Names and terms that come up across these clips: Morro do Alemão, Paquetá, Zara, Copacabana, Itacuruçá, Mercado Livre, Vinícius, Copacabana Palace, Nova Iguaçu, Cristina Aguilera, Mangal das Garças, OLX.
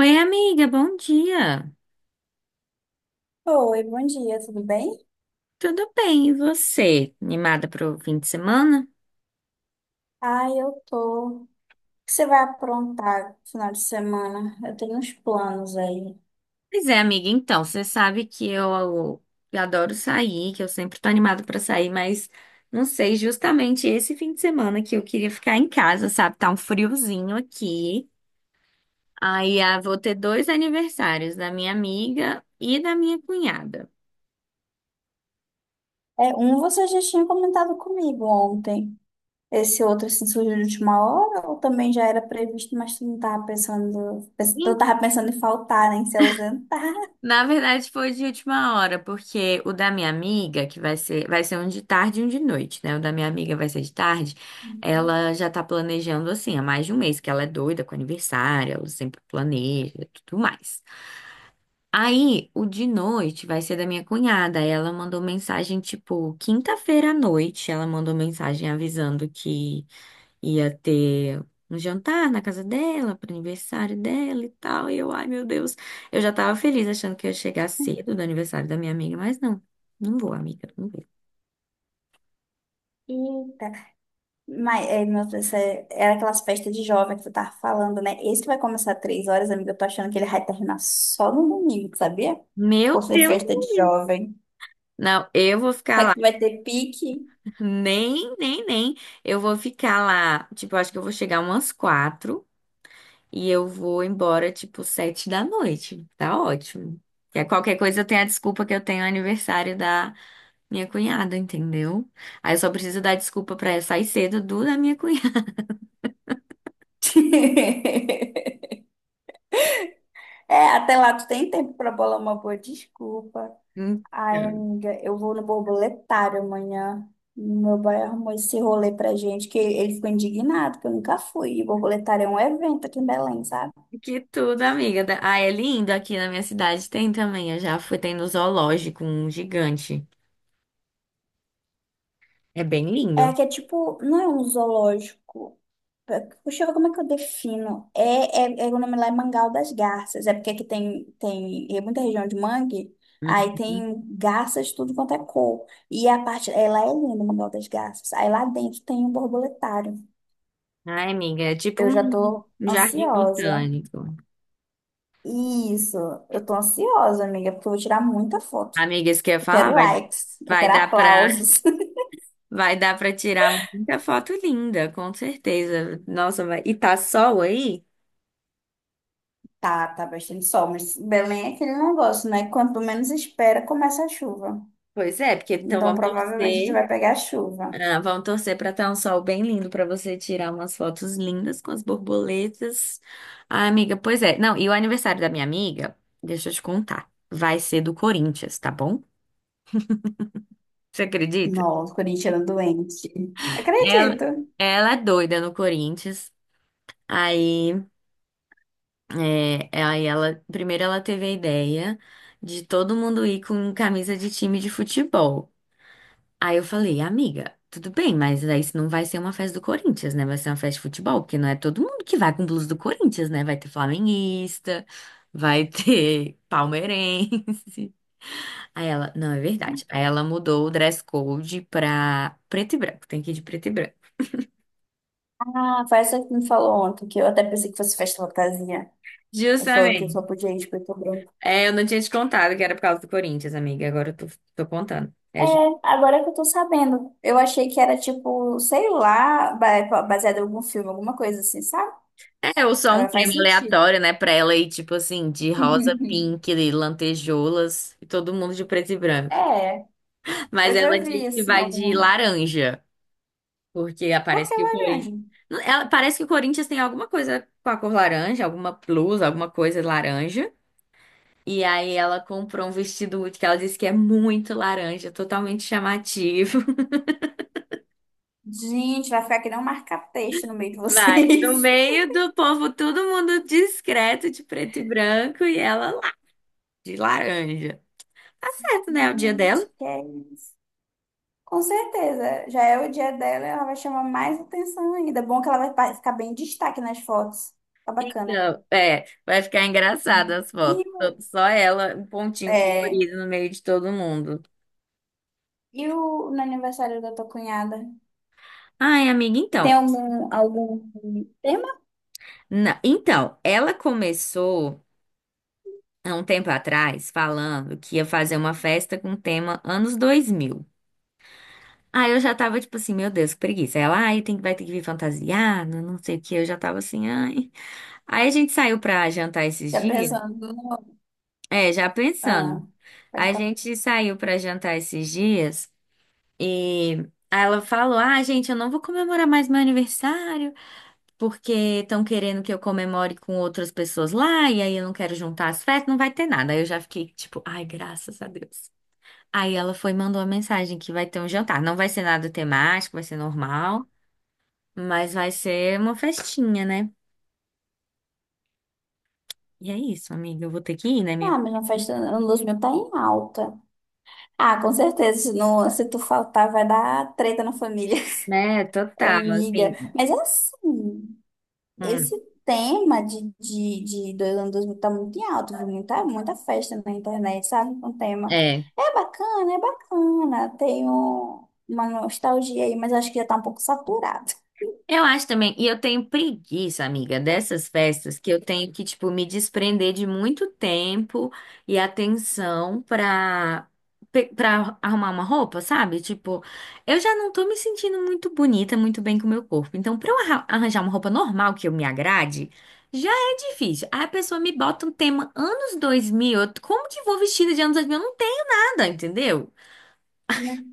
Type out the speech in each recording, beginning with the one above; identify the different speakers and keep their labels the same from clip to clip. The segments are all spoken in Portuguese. Speaker 1: Oi, amiga, bom dia.
Speaker 2: Oi, bom dia, tudo bem?
Speaker 1: Tudo bem, e você? Animada para o fim de semana?
Speaker 2: Ah, eu tô. O que você vai aprontar no final de semana? Eu tenho uns planos aí.
Speaker 1: Pois é, amiga, então, você sabe que eu adoro sair, que eu sempre tô animada para sair, mas não sei, justamente esse fim de semana que eu queria ficar em casa, sabe? Tá um friozinho aqui. Aí, vou ter dois aniversários, da minha amiga e da minha cunhada.
Speaker 2: É, um você já tinha comentado comigo ontem. Esse outro assim, surgiu de última hora ou também já era previsto, mas tu não tava pensando, tu tava pensando em faltar, né, em se ausentar.
Speaker 1: Na verdade, foi de última hora, porque o da minha amiga, que vai ser um de tarde e um de noite, né? O da minha amiga vai ser de tarde.
Speaker 2: Hum.
Speaker 1: Ela já tá planejando assim há mais de um mês, que ela é doida com aniversário, ela sempre planeja e tudo mais. Aí, o de noite vai ser da minha cunhada. Ela mandou mensagem, tipo, quinta-feira à noite, ela mandou mensagem avisando que ia ter um jantar na casa dela, para aniversário dela e tal. E eu, ai meu Deus, eu já tava feliz achando que ia chegar cedo do aniversário da minha amiga, mas não, não vou, amiga, não vou.
Speaker 2: Eita. Mas, é, meu Deus, era aquelas festas de jovem que tu tava falando, né? Esse que vai começar às 3 horas, amiga, eu tô achando que ele vai terminar só no domingo, sabia?
Speaker 1: Meu
Speaker 2: Por ser
Speaker 1: Deus,
Speaker 2: festa de jovem.
Speaker 1: não, eu vou ficar
Speaker 2: Será que
Speaker 1: lá,
Speaker 2: vai ter pique?
Speaker 1: nem, nem, nem. Eu vou ficar lá, tipo, eu acho que eu vou chegar umas quatro e eu vou embora, tipo, sete da noite. Tá ótimo. Que é qualquer coisa eu tenho a desculpa que eu tenho aniversário da minha cunhada, entendeu? Aí eu só preciso dar desculpa pra ela sair cedo do da minha cunhada.
Speaker 2: É, até lá tu tem tempo pra bolar uma boa desculpa. Ai,
Speaker 1: Então,
Speaker 2: amiga, eu vou no borboletário amanhã. Meu pai arrumou esse rolê pra gente, que ele ficou indignado, que eu nunca fui. E borboletário é um evento aqui em Belém, sabe?
Speaker 1: que tudo, amiga. Ah, é lindo aqui na minha cidade. Tem também. Eu já fui, tem no zoológico, um gigante. É bem
Speaker 2: É
Speaker 1: lindo.
Speaker 2: que é tipo, não é um zoológico. Puxa, como é que eu defino? É, o nome lá é Mangal das Garças. É porque aqui tem, tem, é muita região de mangue, aí
Speaker 1: Uhum.
Speaker 2: tem garças de tudo quanto é cor. E a parte, ela é linda, o Mangal das Garças. Aí lá dentro tem um borboletário.
Speaker 1: Ai, amiga, é tipo
Speaker 2: Eu já
Speaker 1: um
Speaker 2: tô
Speaker 1: jardim
Speaker 2: ansiosa.
Speaker 1: botânico.
Speaker 2: Isso, eu tô ansiosa, amiga, porque eu vou tirar muita foto.
Speaker 1: Amiga, isso que eu ia
Speaker 2: Eu
Speaker 1: falar,
Speaker 2: quero likes, eu
Speaker 1: vai
Speaker 2: quero
Speaker 1: dar pra,
Speaker 2: aplausos.
Speaker 1: vai dar pra tirar muita foto linda, com certeza. Nossa, e tá sol aí?
Speaker 2: Tá, tá bastante sol, mas Belém é aquele negócio, né? Quanto menos espera, começa a chuva.
Speaker 1: Pois é, porque então
Speaker 2: Então,
Speaker 1: vamos
Speaker 2: provavelmente a gente
Speaker 1: torcer.
Speaker 2: vai pegar chuva.
Speaker 1: Ah, vamos torcer para estar um sol bem lindo para você tirar umas fotos lindas com as borboletas. Ah, amiga, pois é. Não, e o aniversário da minha amiga, deixa eu te contar, vai ser do Corinthians, tá bom? Você acredita?
Speaker 2: Nossa, corintiano doente.
Speaker 1: Ela,
Speaker 2: Acredito.
Speaker 1: ela é doida no Corinthians. Aí, aí ela, primeiro ela teve a ideia de todo mundo ir com camisa de time de futebol. Aí eu falei, amiga, tudo bem, mas aí isso não vai ser uma festa do Corinthians, né? Vai ser uma festa de futebol, porque não é todo mundo que vai com blusa do Corinthians, né? Vai ter flamenguista, vai ter palmeirense. Aí ela, não, é verdade. Aí ela mudou o dress code pra preto e branco, tem que ir de preto e branco.
Speaker 2: Ah, foi essa que me falou ontem, que eu até pensei que fosse festa fantasia. Ela falou que só
Speaker 1: Justamente.
Speaker 2: podia ir de preto e branco.
Speaker 1: É, eu não tinha te contado que era por causa do Corinthians, amiga, agora eu tô contando.
Speaker 2: É,
Speaker 1: É, ju-
Speaker 2: agora que eu tô sabendo. Eu achei que era tipo, sei lá, baseado em algum filme, alguma coisa assim, sabe?
Speaker 1: é, ou só um
Speaker 2: Agora faz
Speaker 1: tema
Speaker 2: sentido.
Speaker 1: aleatório, né, pra ela ir, tipo assim, de rosa, pink, lantejoulas, e todo mundo de preto e branco.
Speaker 2: É,
Speaker 1: Mas
Speaker 2: eu já
Speaker 1: ela
Speaker 2: vi
Speaker 1: disse que
Speaker 2: assim
Speaker 1: vai de
Speaker 2: algum.
Speaker 1: laranja, porque
Speaker 2: Por
Speaker 1: parece
Speaker 2: que
Speaker 1: que o Corinthians.
Speaker 2: laranja?
Speaker 1: Ela, parece que o Corinthians tem alguma coisa com a cor laranja, alguma blusa, alguma coisa laranja. E aí ela comprou um vestido muito que ela disse que é muito laranja, totalmente chamativo.
Speaker 2: Gente, vai ficar que nem um marca-texto no meio de
Speaker 1: Vai, no
Speaker 2: vocês.
Speaker 1: meio do povo, todo mundo discreto, de preto e branco, e ela lá, de laranja. Tá certo, né? É o dia
Speaker 2: Gente,
Speaker 1: dela.
Speaker 2: que é isso? Com certeza, já é o dia dela, ela vai chamar mais atenção ainda. Bom que ela vai ficar bem em destaque nas fotos. Tá bacana.
Speaker 1: Então, é, vai ficar engraçado as
Speaker 2: E,
Speaker 1: fotos. Só ela, um pontinho
Speaker 2: é,
Speaker 1: colorido no meio de todo mundo.
Speaker 2: no aniversário da tua cunhada?
Speaker 1: Ai, amiga,
Speaker 2: Tem
Speaker 1: então.
Speaker 2: algum tema?
Speaker 1: Então, ela começou há um tempo atrás falando que ia fazer uma festa com tema anos 2000. Aí eu já tava tipo assim, meu Deus, que preguiça. Ela, ai, tem, vai ter que vir fantasiada, não sei o que. Eu já tava assim, ai. Aí a gente saiu pra jantar esses
Speaker 2: Já
Speaker 1: dias.
Speaker 2: pensando no.
Speaker 1: É, já
Speaker 2: Ah,
Speaker 1: pensando.
Speaker 2: pode
Speaker 1: A
Speaker 2: falar.
Speaker 1: gente saiu pra jantar esses dias e aí ela falou: Ah, gente, eu não vou comemorar mais meu aniversário, porque estão querendo que eu comemore com outras pessoas lá, e aí eu não quero juntar as festas, não vai ter nada. Aí eu já fiquei tipo, ai, graças a Deus. Aí ela foi e mandou uma mensagem que vai ter um jantar. Não vai ser nada temático, vai ser normal, mas vai ser uma festinha, né? E é isso, amiga. Eu vou ter que ir, né, minha?
Speaker 2: Ah, mas na festa Luzmil tá em alta. Ah, com certeza, se, não, se tu faltar vai dar treta na família.
Speaker 1: Né, total, assim.
Speaker 2: Amiga, mas é assim.
Speaker 1: Hum,
Speaker 2: Esse tema de dois anos 2000 tá muito em alta, viu? Muita, muita festa na internet, sabe? Com tema.
Speaker 1: é.
Speaker 2: É bacana, é bacana. Tem uma nostalgia aí, mas acho que já tá um pouco saturado,
Speaker 1: Eu acho também, e eu tenho preguiça, amiga, dessas festas que eu tenho que, tipo, me desprender de muito tempo e atenção pra arrumar uma roupa, sabe? Tipo, eu já não tô me sentindo muito bonita, muito bem com o meu corpo. Então, pra eu arranjar uma roupa normal que eu me agrade, já é difícil. Aí a pessoa me bota um tema anos 2000, como que eu vou vestida de anos 2000? Eu não tenho nada, entendeu?
Speaker 2: né?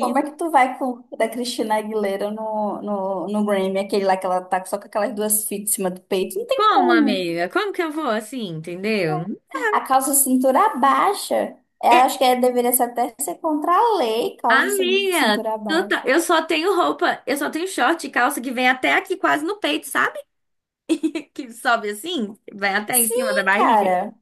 Speaker 2: Como é que tu vai com o da Cristina Aguilera no Grammy, aquele lá que ela tá só com aquelas duas fitas em cima do peito? Não tem
Speaker 1: como,
Speaker 2: como.
Speaker 1: amiga? Como que eu vou assim, entendeu?
Speaker 2: A calça cintura baixa. Eu
Speaker 1: É,
Speaker 2: acho que deveria ser até ser contra a lei, calça
Speaker 1: amiga,
Speaker 2: cintura baixa.
Speaker 1: eu só tenho roupa, eu só tenho short e calça que vem até aqui quase no peito, sabe? Que sobe assim, vai até em cima da
Speaker 2: Sim,
Speaker 1: barriga.
Speaker 2: cara.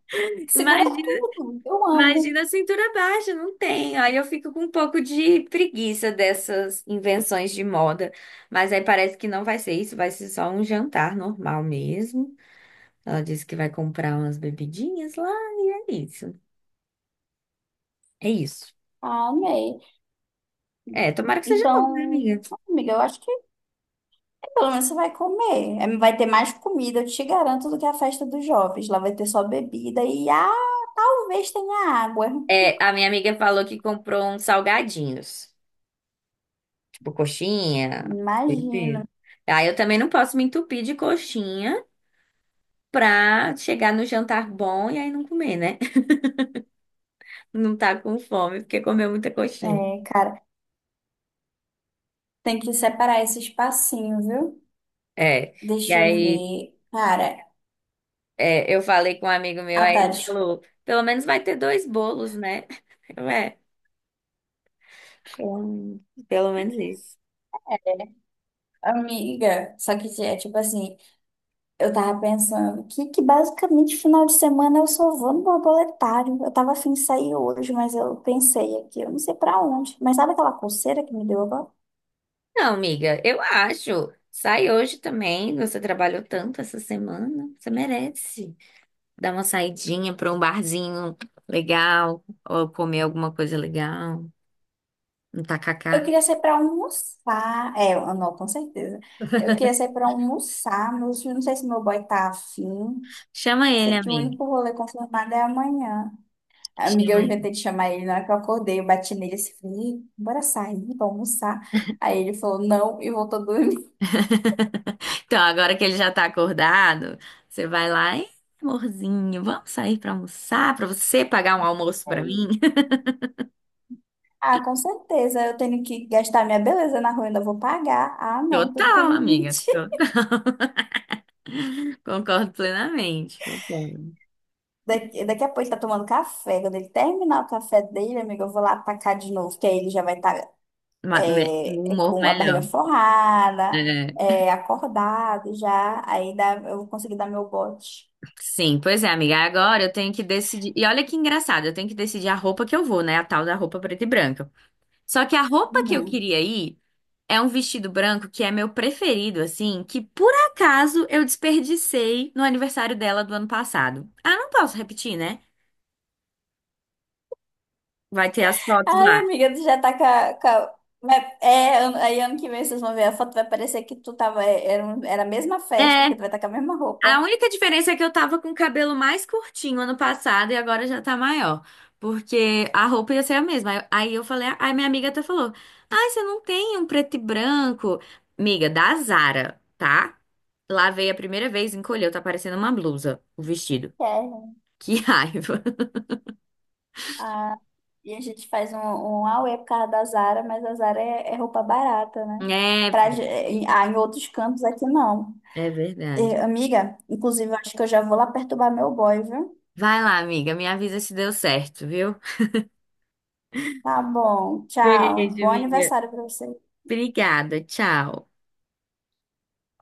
Speaker 2: Segura
Speaker 1: Imagina,
Speaker 2: tudo. Eu amo.
Speaker 1: imagina a cintura baixa, não tem. Aí eu fico com um pouco de preguiça dessas invenções de moda. Mas aí parece que não vai ser isso, vai ser só um jantar normal mesmo. Ela disse que vai comprar umas bebidinhas lá e é isso. É isso.
Speaker 2: Ah, amei.
Speaker 1: É, tomara que seja bom, né,
Speaker 2: Então,
Speaker 1: amiga?
Speaker 2: amiga, eu acho que pelo menos você vai comer. É. Vai ter mais comida, eu te garanto, do que a festa dos jovens. Lá vai ter só bebida e, ah, talvez tenha água.
Speaker 1: É, a minha amiga falou que comprou uns salgadinhos. Tipo, coxinha.
Speaker 2: Imagino.
Speaker 1: esse- Aí eu também não posso me entupir de coxinha pra chegar no jantar bom e aí não comer, né? Não tá com fome, porque comeu muita coxinha.
Speaker 2: É, cara, tem que separar esse espacinho, viu?
Speaker 1: É. E
Speaker 2: Deixa eu
Speaker 1: aí
Speaker 2: ver. Cara,
Speaker 1: eu falei com um amigo meu,
Speaker 2: ah,
Speaker 1: aí
Speaker 2: tá,
Speaker 1: ele
Speaker 2: desculpa.
Speaker 1: falou, pelo menos vai ter dois bolos, né? Eu, é, pelo, pelo menos isso.
Speaker 2: Amiga, só que é tipo assim, eu tava pensando que basicamente final de semana eu só vou no borboletário. Eu tava afim de sair hoje, mas eu pensei aqui, eu não sei pra onde. Mas sabe aquela coceira que me deu agora?
Speaker 1: Não, amiga, eu acho. Sai hoje também. Você trabalhou tanto essa semana. Você merece dar uma saidinha pra um barzinho legal, ou comer alguma coisa legal, um
Speaker 2: Eu
Speaker 1: tacacá.
Speaker 2: queria sair pra almoçar. É, não, com certeza. Eu queria sair pra almoçar, mas eu não sei se meu boy tá afim.
Speaker 1: Chama ele,
Speaker 2: Sei que o
Speaker 1: amiga.
Speaker 2: único rolê confirmado é amanhã. Amiga, eu
Speaker 1: Chama ele.
Speaker 2: inventei de chamar ele na hora que eu acordei, eu bati nele assim, falei, "Ih, bora sair, vamos almoçar." Aí ele falou não e voltou a dormir.
Speaker 1: Então, agora que ele já tá acordado, você vai lá, "Ei, amorzinho, vamos sair pra almoçar, pra você pagar um almoço pra
Speaker 2: Aí,
Speaker 1: mim?"
Speaker 2: ah, com certeza, eu tenho que gastar minha beleza na rua, ainda vou pagar. Ah, não, tudo tem
Speaker 1: Total, amiga.
Speaker 2: limite.
Speaker 1: Concordo plenamente. Concordo.
Speaker 2: Daqui a pouco ele tá tomando café. Quando ele terminar o café dele, amiga, eu vou lá atacar de novo, que aí ele já vai estar
Speaker 1: O humor
Speaker 2: com a barriga
Speaker 1: melhor.
Speaker 2: forrada,
Speaker 1: É,
Speaker 2: é, acordado já. Aí dá, eu vou conseguir dar meu bote.
Speaker 1: sim, pois é, amiga. Agora eu tenho que decidir. E olha que engraçado, eu tenho que decidir a roupa que eu vou, né? A tal da roupa preta e branca. Só que a roupa que eu
Speaker 2: Uhum.
Speaker 1: queria ir é um vestido branco que é meu preferido, assim, que por acaso eu desperdicei no aniversário dela do ano passado. Ah, não posso repetir, né? Vai ter as fotos
Speaker 2: Ai,
Speaker 1: lá.
Speaker 2: amiga, tu já tá com a- Mas é, aí ano que vem vocês vão ver a foto, vai parecer que tu tava... é, Era, um- era a mesma festa,
Speaker 1: É,
Speaker 2: porque tu vai estar com a mesma
Speaker 1: a
Speaker 2: roupa.
Speaker 1: única diferença é que eu tava com o cabelo mais curtinho ano passado e agora já tá maior. Porque a roupa ia ser a mesma. Aí eu falei, aí minha amiga até falou: Ai, você não tem um preto e branco? Amiga, da Zara, tá? Lavei a primeira vez, encolheu, tá parecendo uma blusa, o vestido.
Speaker 2: É.
Speaker 1: Que raiva.
Speaker 2: Ah, e a gente faz um auê por causa da Zara, mas a Zara é roupa barata, né?
Speaker 1: É,
Speaker 2: Pra,
Speaker 1: velho.
Speaker 2: em outros cantos aqui não.
Speaker 1: É verdade.
Speaker 2: E, amiga, inclusive eu acho que eu já vou lá perturbar meu boy, viu?
Speaker 1: Vai lá, amiga. Me avisa se deu certo, viu?
Speaker 2: Tá bom, tchau.
Speaker 1: Beijo,
Speaker 2: Bom
Speaker 1: amiga.
Speaker 2: aniversário pra você.
Speaker 1: Obrigada. Tchau.